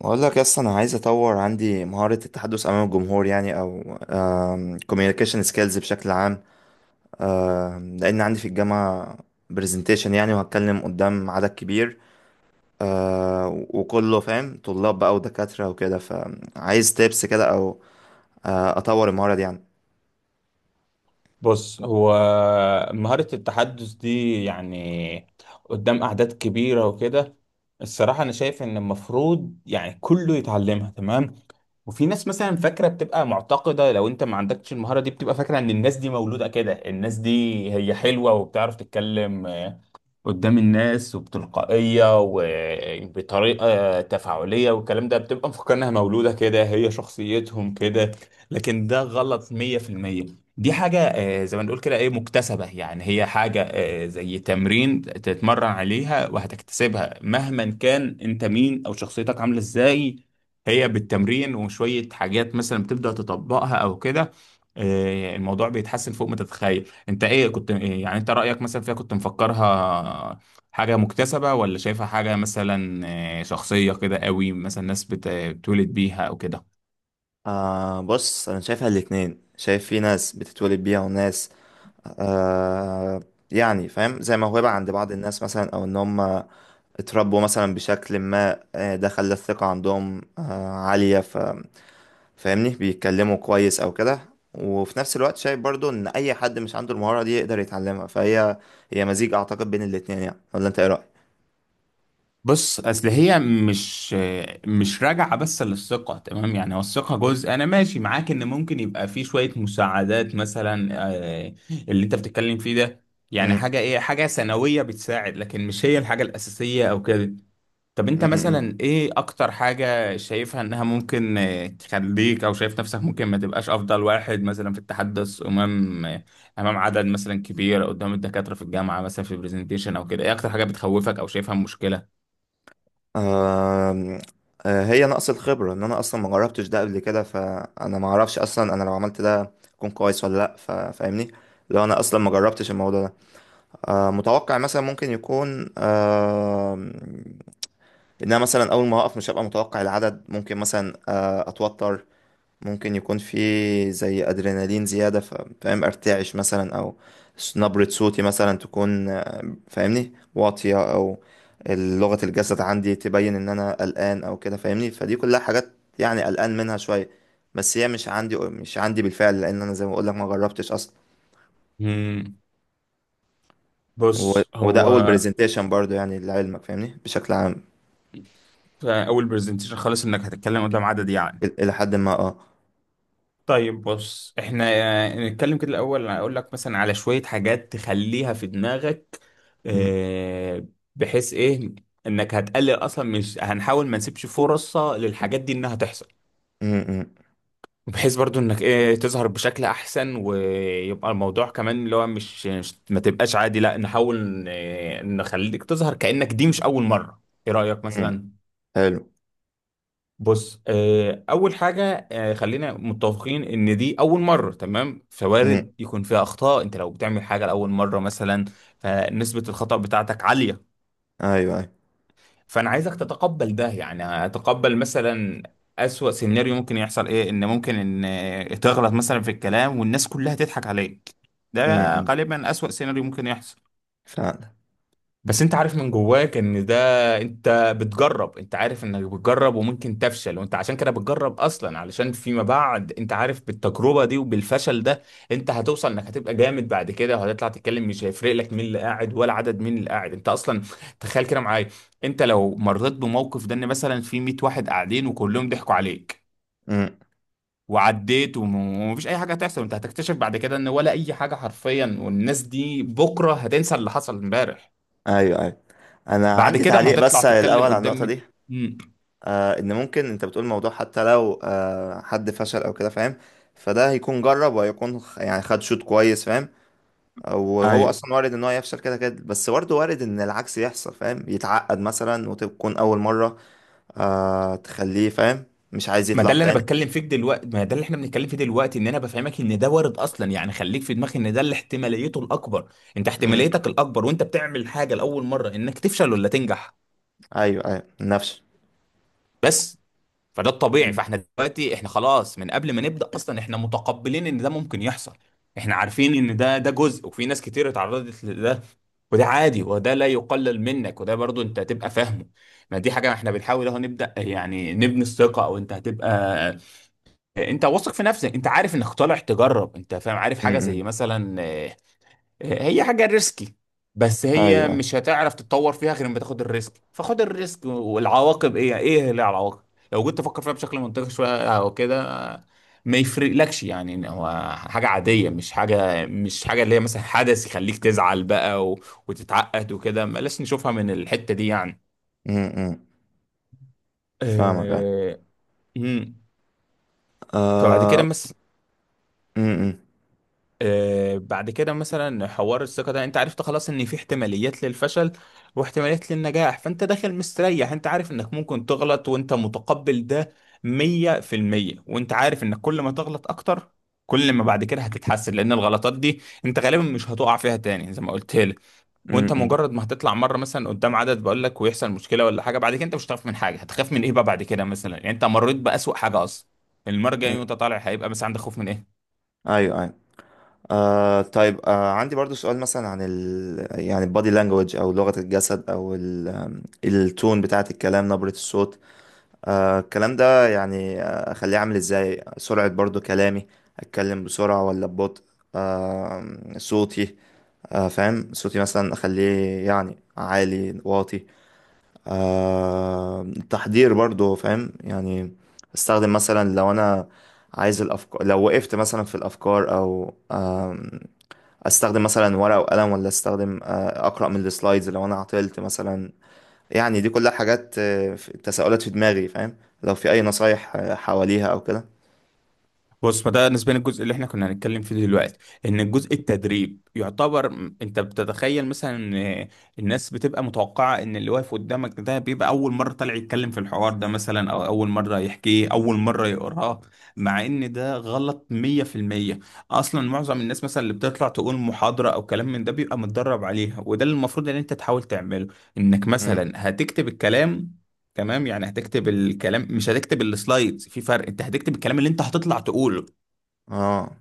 بقول لك اصلا انا عايز اطور عندي مهارة التحدث امام الجمهور، يعني او كوميونيكيشن سكيلز بشكل عام. لان عندي في الجامعة برزنتيشن، يعني وهتكلم قدام عدد كبير. وكله فاهم، طلاب بقى ودكاترة وكده، فعايز تيبس كده او اطور المهارة دي يعني. بص هو مهارة التحدث دي يعني قدام أعداد كبيرة وكده. الصراحة أنا شايف إن المفروض يعني كله يتعلمها. تمام. وفي ناس مثلا فاكرة، بتبقى معتقدة لو أنت ما عندكش المهارة دي بتبقى فاكرة إن الناس دي مولودة كده، الناس دي هي حلوة وبتعرف تتكلم قدام الناس وبتلقائية وبطريقة تفاعلية والكلام ده، بتبقى مفكرنها مولودة كده، هي شخصيتهم كده. لكن ده غلط 100%. دي حاجة زي ما نقول كده ايه، مكتسبة. يعني هي حاجة زي تمرين تتمرن عليها وهتكتسبها مهما كان انت مين او شخصيتك عاملة ازاي. هي بالتمرين وشوية حاجات مثلا بتبدأ تطبقها او كده. الموضوع بيتحسن فوق ما تتخيل. انت ايه، كنت إيه يعني، انت رأيك مثلا فيها كنت مفكرها حاجة مكتسبة ولا شايفها حاجة مثلا شخصية كده قوي، مثلا ناس بتولد بيها او كده؟ بص، انا شايفها الاتنين، شايف في ناس بتتولد بيها، وناس آه يعني فاهم، زي موهبة عند بعض الناس مثلا، أو إن هم اتربوا مثلا بشكل ما ده خلى الثقة عندهم عالية، فاهمني بيتكلموا كويس أو كده. وفي نفس الوقت شايف برضو إن أي حد مش عنده المهارة دي يقدر يتعلمها، فهي مزيج أعتقد بين الاتنين يعني. ولا أنت إيه رأيك؟ بص اصل هي مش راجعة بس للثقة، تمام؟ يعني هو الثقة جزء، انا ماشي معاك ان ممكن يبقى في شوية مساعدات مثلا، آه، اللي انت بتتكلم فيه ده، يعني م-، حاجة ايه، حاجة ثانوية بتساعد، لكن مش هي الحاجة الأساسية او كده. طب انت م-، م. مثلا ايه اكتر حاجة شايفها انها ممكن تخليك، او شايف نفسك ممكن ما تبقاش افضل واحد مثلا في التحدث امام امام عدد مثلا كبير، أو قدام الدكاترة في الجامعة مثلا في برزنتيشن او كده؟ ايه اكتر حاجة بتخوفك او شايفها مشكلة؟ آم، هي نقص الخبرة، ان انا اصلا ما جربتش ده قبل كده، فانا ما اعرفش اصلا انا لو عملت ده اكون كويس ولا لا. فاهمني لو انا اصلا ما جربتش الموضوع ده، متوقع مثلا ممكن يكون ان انا مثلا اول ما اقف مش هبقى متوقع العدد، ممكن مثلا اتوتر، ممكن يكون في زي ادرينالين زيادة، فاهم ارتعش مثلا، او نبرة صوتي مثلا تكون فاهمني واطية، او لغة الجسد عندي تبين ان انا قلقان او كده. فاهمني، فدي كلها حاجات يعني قلقان منها شوية. بس هي مش عندي بالفعل، لان انا زي ما بقولك ما جربتش اصلا. مم. و... بص وده اول هو، برزنتيشن برضو، يعني لعلمك، فاهمني بشكل عام. في اول برزنتيشن خالص انك هتتكلم قدام عدد يعني. الى حد ما، اه. طيب بص، احنا نتكلم كده الاول، اقول لك مثلا على شوية حاجات تخليها في دماغك، م-، آه، بحيث ايه، انك هتقلل اصلا، مش هنحاول، ما نسيبش فرصة للحاجات دي انها تحصل، م-، م-، بحيث برضو انك ايه، تظهر بشكل احسن، ويبقى الموضوع كمان اللي هو ما تبقاش عادي، لا نحاول نخليك تظهر كأنك دي مش اول مرة. ايه رأيك م-. مثلا؟ حلو. بص، اول حاجه، خلينا متفقين ان دي اول مره، تمام؟ فوارد م-. يكون فيها اخطاء، انت لو بتعمل حاجه لاول مره مثلا فنسبه الخطا بتاعتك عاليه. ايوه، ايوه. فانا عايزك تتقبل ده، يعني اتقبل مثلا اسوأ سيناريو ممكن يحصل ايه، ان ممكن ان تغلط مثلا في الكلام والناس كلها تضحك عليك. م-، ده م-. غالبا اسوأ سيناريو ممكن يحصل. فعلا. بس انت عارف من جواك ان ده، انت بتجرب، انت عارف انك بتجرب وممكن تفشل، وانت عشان كده بتجرب اصلا، علشان فيما بعد انت عارف بالتجربة دي وبالفشل ده، انت هتوصل انك هتبقى جامد بعد كده، وهتطلع تتكلم مش هيفرق لك مين اللي قاعد ولا عدد مين اللي قاعد انت اصلا. تخيل كده معايا، انت لو مريت بموقف ده، ان مثلا في 100 واحد قاعدين وكلهم ضحكوا عليك، وعديت وم- ومفيش اي حاجه هتحصل، انت هتكتشف بعد كده ان ولا اي حاجه حرفيا، والناس دي بكره هتنسى اللي حصل امبارح. ايوه، ايوه. انا بعد عندي كده ما تعليق هتطلع بس الاول تتكلم على النقطه قدام. دي. مم. ان ممكن انت بتقول موضوع حتى لو حد فشل او كده، فاهم، فده هيكون جرب، وهيكون يعني خد شوط كويس، فاهم. وهو ايوه. اصلا وارد ان هو يفشل كده كده، بس برضه وارد ان العكس يحصل، فاهم، يتعقد مثلا وتكون اول مره، تخليه فاهم مش عايز ما ده يطلع اللي انا تاني. بتكلم فيه دلوقتي، ما ده اللي احنا بنتكلم فيه دلوقتي، ان انا بفهمك ان ده وارد اصلا، يعني خليك في دماغك ان ده اللي احتماليته الاكبر، انت امم. احتماليتك الاكبر وانت بتعمل حاجه لاول مره انك تفشل ولا تنجح. ايوه، ايوه. نفش. بس. فده الطبيعي، امم. فاحنا دلوقتي احنا خلاص من قبل ما نبدا اصلا، احنا متقبلين ان ده ممكن يحصل. احنا عارفين ان ده، جزء، وفي ناس كتير اتعرضت لده، وده عادي، وده لا يقلل منك، وده برضو انت هتبقى فاهمه. ما دي حاجه احنا بنحاول اهو نبدا يعني نبني الثقه، او انت هتبقى، انت واثق في نفسك، انت عارف انك طالع تجرب، انت فاهم، عارف حاجه زي امم. مثلا هي حاجة ريسكي، بس ايوه، هي ايوه. مش هتعرف تتطور فيها غير لما تاخد الريسك. فخد الريسك، والعواقب ايه، ايه اللي العواقب، لو جيت تفكر فيها بشكل منطقي شوية او كده، ما يفرقلكش، يعني إن هو حاجة عادية، مش حاجة، اللي هي مثلا حدث يخليك تزعل بقى وتتعقد وكده. بلاش نشوفها من الحتة دي يعني. امم. فاهمك. ايوه. أه... مم. فبعد كده آه. بس، امم. بعد كده مثلا، حوار الثقة ده انت عرفت خلاص ان في احتماليات للفشل واحتماليات للنجاح، فانت داخل مستريح، انت عارف انك ممكن تغلط وانت متقبل ده مية في المية، وانت عارف انك كل ما تغلط اكتر، كل ما بعد كده هتتحسن، لان الغلطات دي انت غالبا مش هتقع فيها تاني زي ما قلت لك. وانت امم. مجرد ما هتطلع مره مثلا قدام عدد، بقول لك، ويحصل مشكله ولا حاجه، بعد كده انت مش هتخاف من حاجه. هتخاف من ايه بقى بعد كده مثلا؟ يعني انت مريت باسوأ حاجه اصلا. المره الجايه امم. وانت طالع هيبقى مثلا عندك خوف من ايه؟ ايوه، ايوه. طيب. عندي برضو سؤال، مثلا عن يعني البادي لانجوج، او لغة الجسد، او التون بتاعة الكلام، نبرة الصوت. الكلام ده، يعني اخليه عامل ازاي. سرعة برضو كلامي، اتكلم بسرعة ولا ببطء؟ آه صوتي. فاهم، صوتي مثلا اخليه يعني عالي واطي. التحضير برضو فاهم، يعني استخدم مثلا لو انا عايز الافكار، لو وقفت مثلا في الافكار، او استخدم مثلا ورقة وقلم، ولا استخدم اقرأ من السلايدز لو انا عطلت مثلا. يعني دي كلها حاجات، تساؤلات في دماغي، فاهم، لو في اي نصايح حواليها او كده. بص، فده نسبيا الجزء اللي احنا كنا هنتكلم فيه دلوقتي، ان الجزء التدريب يعتبر انت بتتخيل مثلا ان الناس بتبقى متوقعه ان اللي واقف قدامك ده بيبقى اول مره طالع يتكلم في الحوار ده مثلا، او اول مره يحكيه، اول مره يقراه. مع ان ده غلط 100%. اصلا معظم الناس مثلا اللي بتطلع تقول محاضره او كلام من ده بيبقى متدرب عليها، وده اللي المفروض ان انت تحاول تعمله، انك مم. مثلا هتكتب الكلام. تمام؟ يعني هتكتب الكلام، مش هتكتب السلايدز، في فرق. انت هتكتب الكلام اللي انت هتطلع تقوله. اه.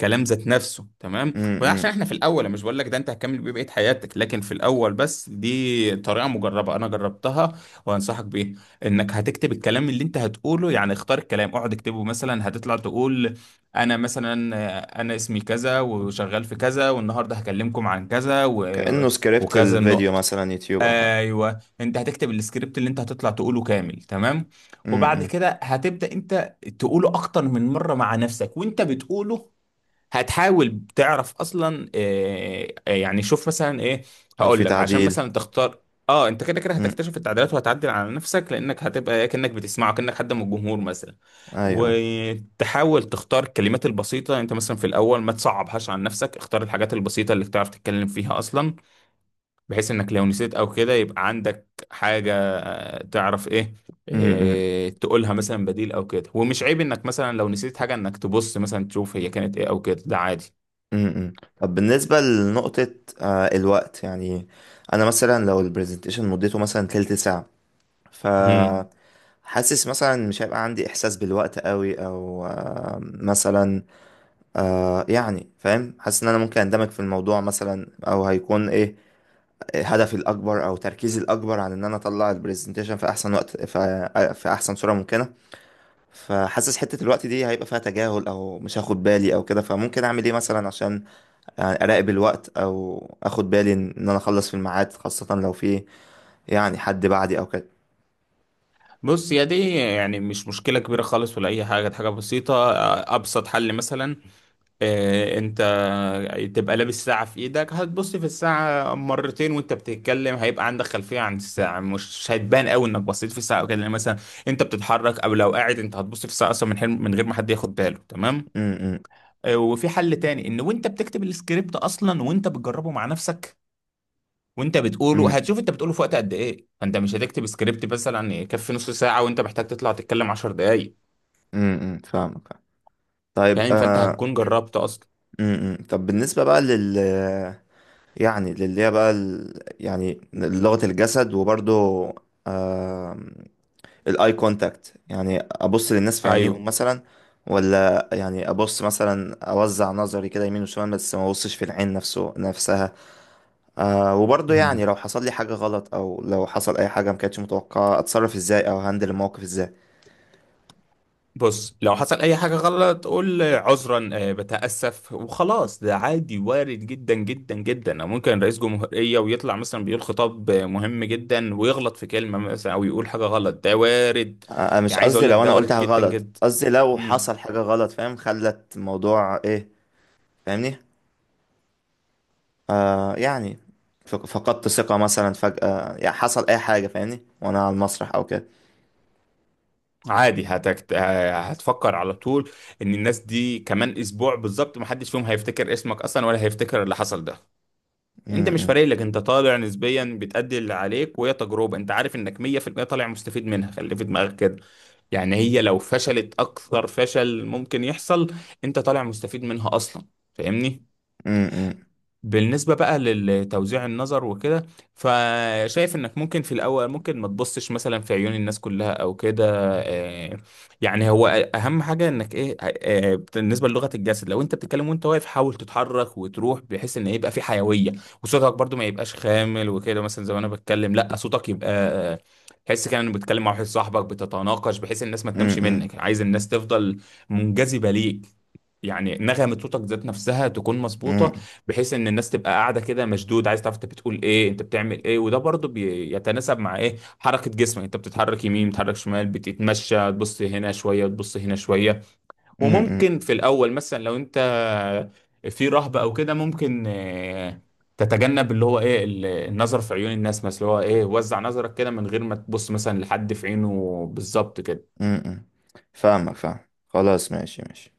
كلام ذات نفسه، تمام؟ وعشان امم احنا في الاول، أنا مش بقول لك ده انت هتكمل بيه بقيه حياتك، لكن في الاول بس دي طريقه مجربه انا جربتها وانصحك بيها، انك هتكتب الكلام اللي انت هتقوله، يعني اختار الكلام، اقعد اكتبه مثلا. هتطلع تقول انا مثلا انا اسمي كذا، وشغال في كذا، والنهارده هكلمكم عن كذا كأنه سكريبت وكذا الفيديو النقط. مثلا، يوتيوب او حاجة. ايوه، انت هتكتب السكريبت اللي انت هتطلع تقوله كامل، تمام؟ وبعد امم كده هتبدا انت تقوله اكتر من مره مع نفسك، وانت بتقوله هتحاول تعرف اصلا، يعني شوف مثلا ايه، لو في هقول لك عشان تعديل. مثلا تختار. اه، انت كده كده امم. هتكتشف التعديلات وهتعدل على نفسك، لانك هتبقى كانك بتسمعه، كانك حد من الجمهور مثلا. ايوه. وتحاول تختار الكلمات البسيطه، انت مثلا في الاول ما تصعبهاش عن نفسك، اختار الحاجات البسيطه اللي بتعرف تتكلم فيها اصلا، بحيث انك لو نسيت او كده يبقى عندك حاجه تعرف ايه، امم. تقولها مثلا بديل او كده. ومش عيب انك مثلا لو نسيت حاجه، انك تبص مثلا تشوف هي كانت ايه او كده، ده عادي. امم. طب بالنسبة لنقطة الوقت، يعني انا مثلا لو البرزنتيشن مدته مثلا تلت ساعة، مم. حاسس مثلا مش هيبقى عندي احساس بالوقت قوي، او مثلا يعني فاهم، حاسس ان انا ممكن اندمج في الموضوع مثلا، او هيكون ايه هدفي الاكبر، او تركيزي الاكبر، عن ان انا اطلع البرزنتيشن في احسن وقت، في احسن صورة ممكنة. فحاسس حتة الوقت دي هيبقى فيها تجاهل، او مش هاخد بالي او كده، فممكن اعمل ايه مثلا عشان يعني اراقب الوقت، او اخد بالي ان انا اخلص في الميعاد، خاصة لو في يعني حد بعدي او كده. بص يا دي يعني مش مشكلة كبيرة خالص ولا أي حاجة، دي حاجة بسيطة. أبسط حل مثلا، أنت تبقى لابس ساعة في إيدك، هتبص في الساعة مرتين وأنت بتتكلم، هيبقى عندك خلفية عن الساعة، مش هتبان قوي إنك بصيت في الساعة أو كده، لأن مثلا أنت بتتحرك، أو لو قاعد أنت هتبص في الساعة أصلا من حين، من غير ما حد ياخد باله. تمام؟ م-. م-. وفي حل تاني، إن وأنت بتكتب السكريبت أصلا وأنت بتجربه مع نفسك وانت م-. بتقوله، هتشوف انت بتقوله في وقت قد ايه، فانت مش هتكتب سكريبت مثلا يكفي نص ساعة وانت محتاج تطلع تتكلم عشر دقايق. م-. فاهمك. طيب. فاهم؟ فانت هتكون جربت اصلا. م-. م. طب بالنسبة بقى يعني للي هي بقى يعني لغة الجسد، وبرضو آه... الاي كونتاكت، يعني ابص للناس في ايوه. عينيهم مثلا، ولا يعني ابص مثلا اوزع نظري كده يمين وشمال بس ما ابصش في العين نفسها. وبرضو، يعني امم. لو حصل لي حاجة غلط، او لو حصل اي حاجة ما كانتش متوقعة، اتصرف ازاي، او هندل الموقف ازاي؟ بص، لو حصل اي حاجة غلط قول عذرا، بتأسف وخلاص، ده عادي، وارد جدا جدا جدا. أو ممكن رئيس جمهورية ويطلع مثلا بيقول خطاب مهم جدا ويغلط في كلمة مثلا او يقول حاجة غلط، ده وارد. آه مش يعني عايز قصدي اقول لك لو ده انا قلت وارد حاجة جدا غلط، جدا. قصدي لو امم. حصل حاجة غلط فاهم خلت الموضوع ايه. فاهمني، يعني فقدت ثقة مثلا فجأة، يعني حصل أي حاجة فاهمني وأنا على المسرح أو كده. عادي، هتفكر على طول ان الناس دي كمان اسبوع بالظبط محدش فيهم هيفتكر اسمك اصلا، ولا هيفتكر اللي حصل ده. م-. انت مش م-. فارق لك، انت طالع نسبيا بتأدي اللي عليك، وهي تجربة انت عارف انك 100% طالع مستفيد منها. خلي في دماغك كده، يعني هي لو فشلت اكثر فشل ممكن يحصل، انت طالع مستفيد منها اصلا. فاهمني؟ م-. بالنسبة بقى لتوزيع النظر وكده، فشايف انك ممكن في الاول ممكن ما تبصش مثلا في عيون الناس كلها او كده. آه، يعني هو اهم حاجة انك ايه، بالنسبة للغة الجسد، لو انت بتتكلم وانت واقف حاول تتحرك وتروح، بحيث ان يبقى في حيوية. وصوتك برضو ما يبقاش خامل وكده مثلا، زي ما انا بتكلم، لا صوتك يبقى تحس كده انك بتتكلم مع واحد صاحبك، بتتناقش، بحيث الناس ما م-. م-. تنامش م-. منك، عايز الناس تفضل منجذبة ليك. يعني نغمة صوتك ذات نفسها تكون مظبوطة، م-. بحيث ان الناس تبقى قاعده كده مشدود عايز تعرف انت بتقول ايه، انت بتعمل ايه. وده برضو بيتناسب مع ايه، حركه جسمك، انت بتتحرك يمين، بتتحرك شمال، بتتمشى، تبص هنا شويه، تبص هنا شويه. م-. م-. وممكن في الاول مثلا لو انت في رهبه او كده ممكن تتجنب اللي هو ايه النظر في عيون الناس مثلا، اللي هو ايه، وزع نظرك كده من غير ما تبص مثلا لحد في عينه بالظبط كده. م-. م-. فاهمك، فاهم. خلاص، ماشي ماشي.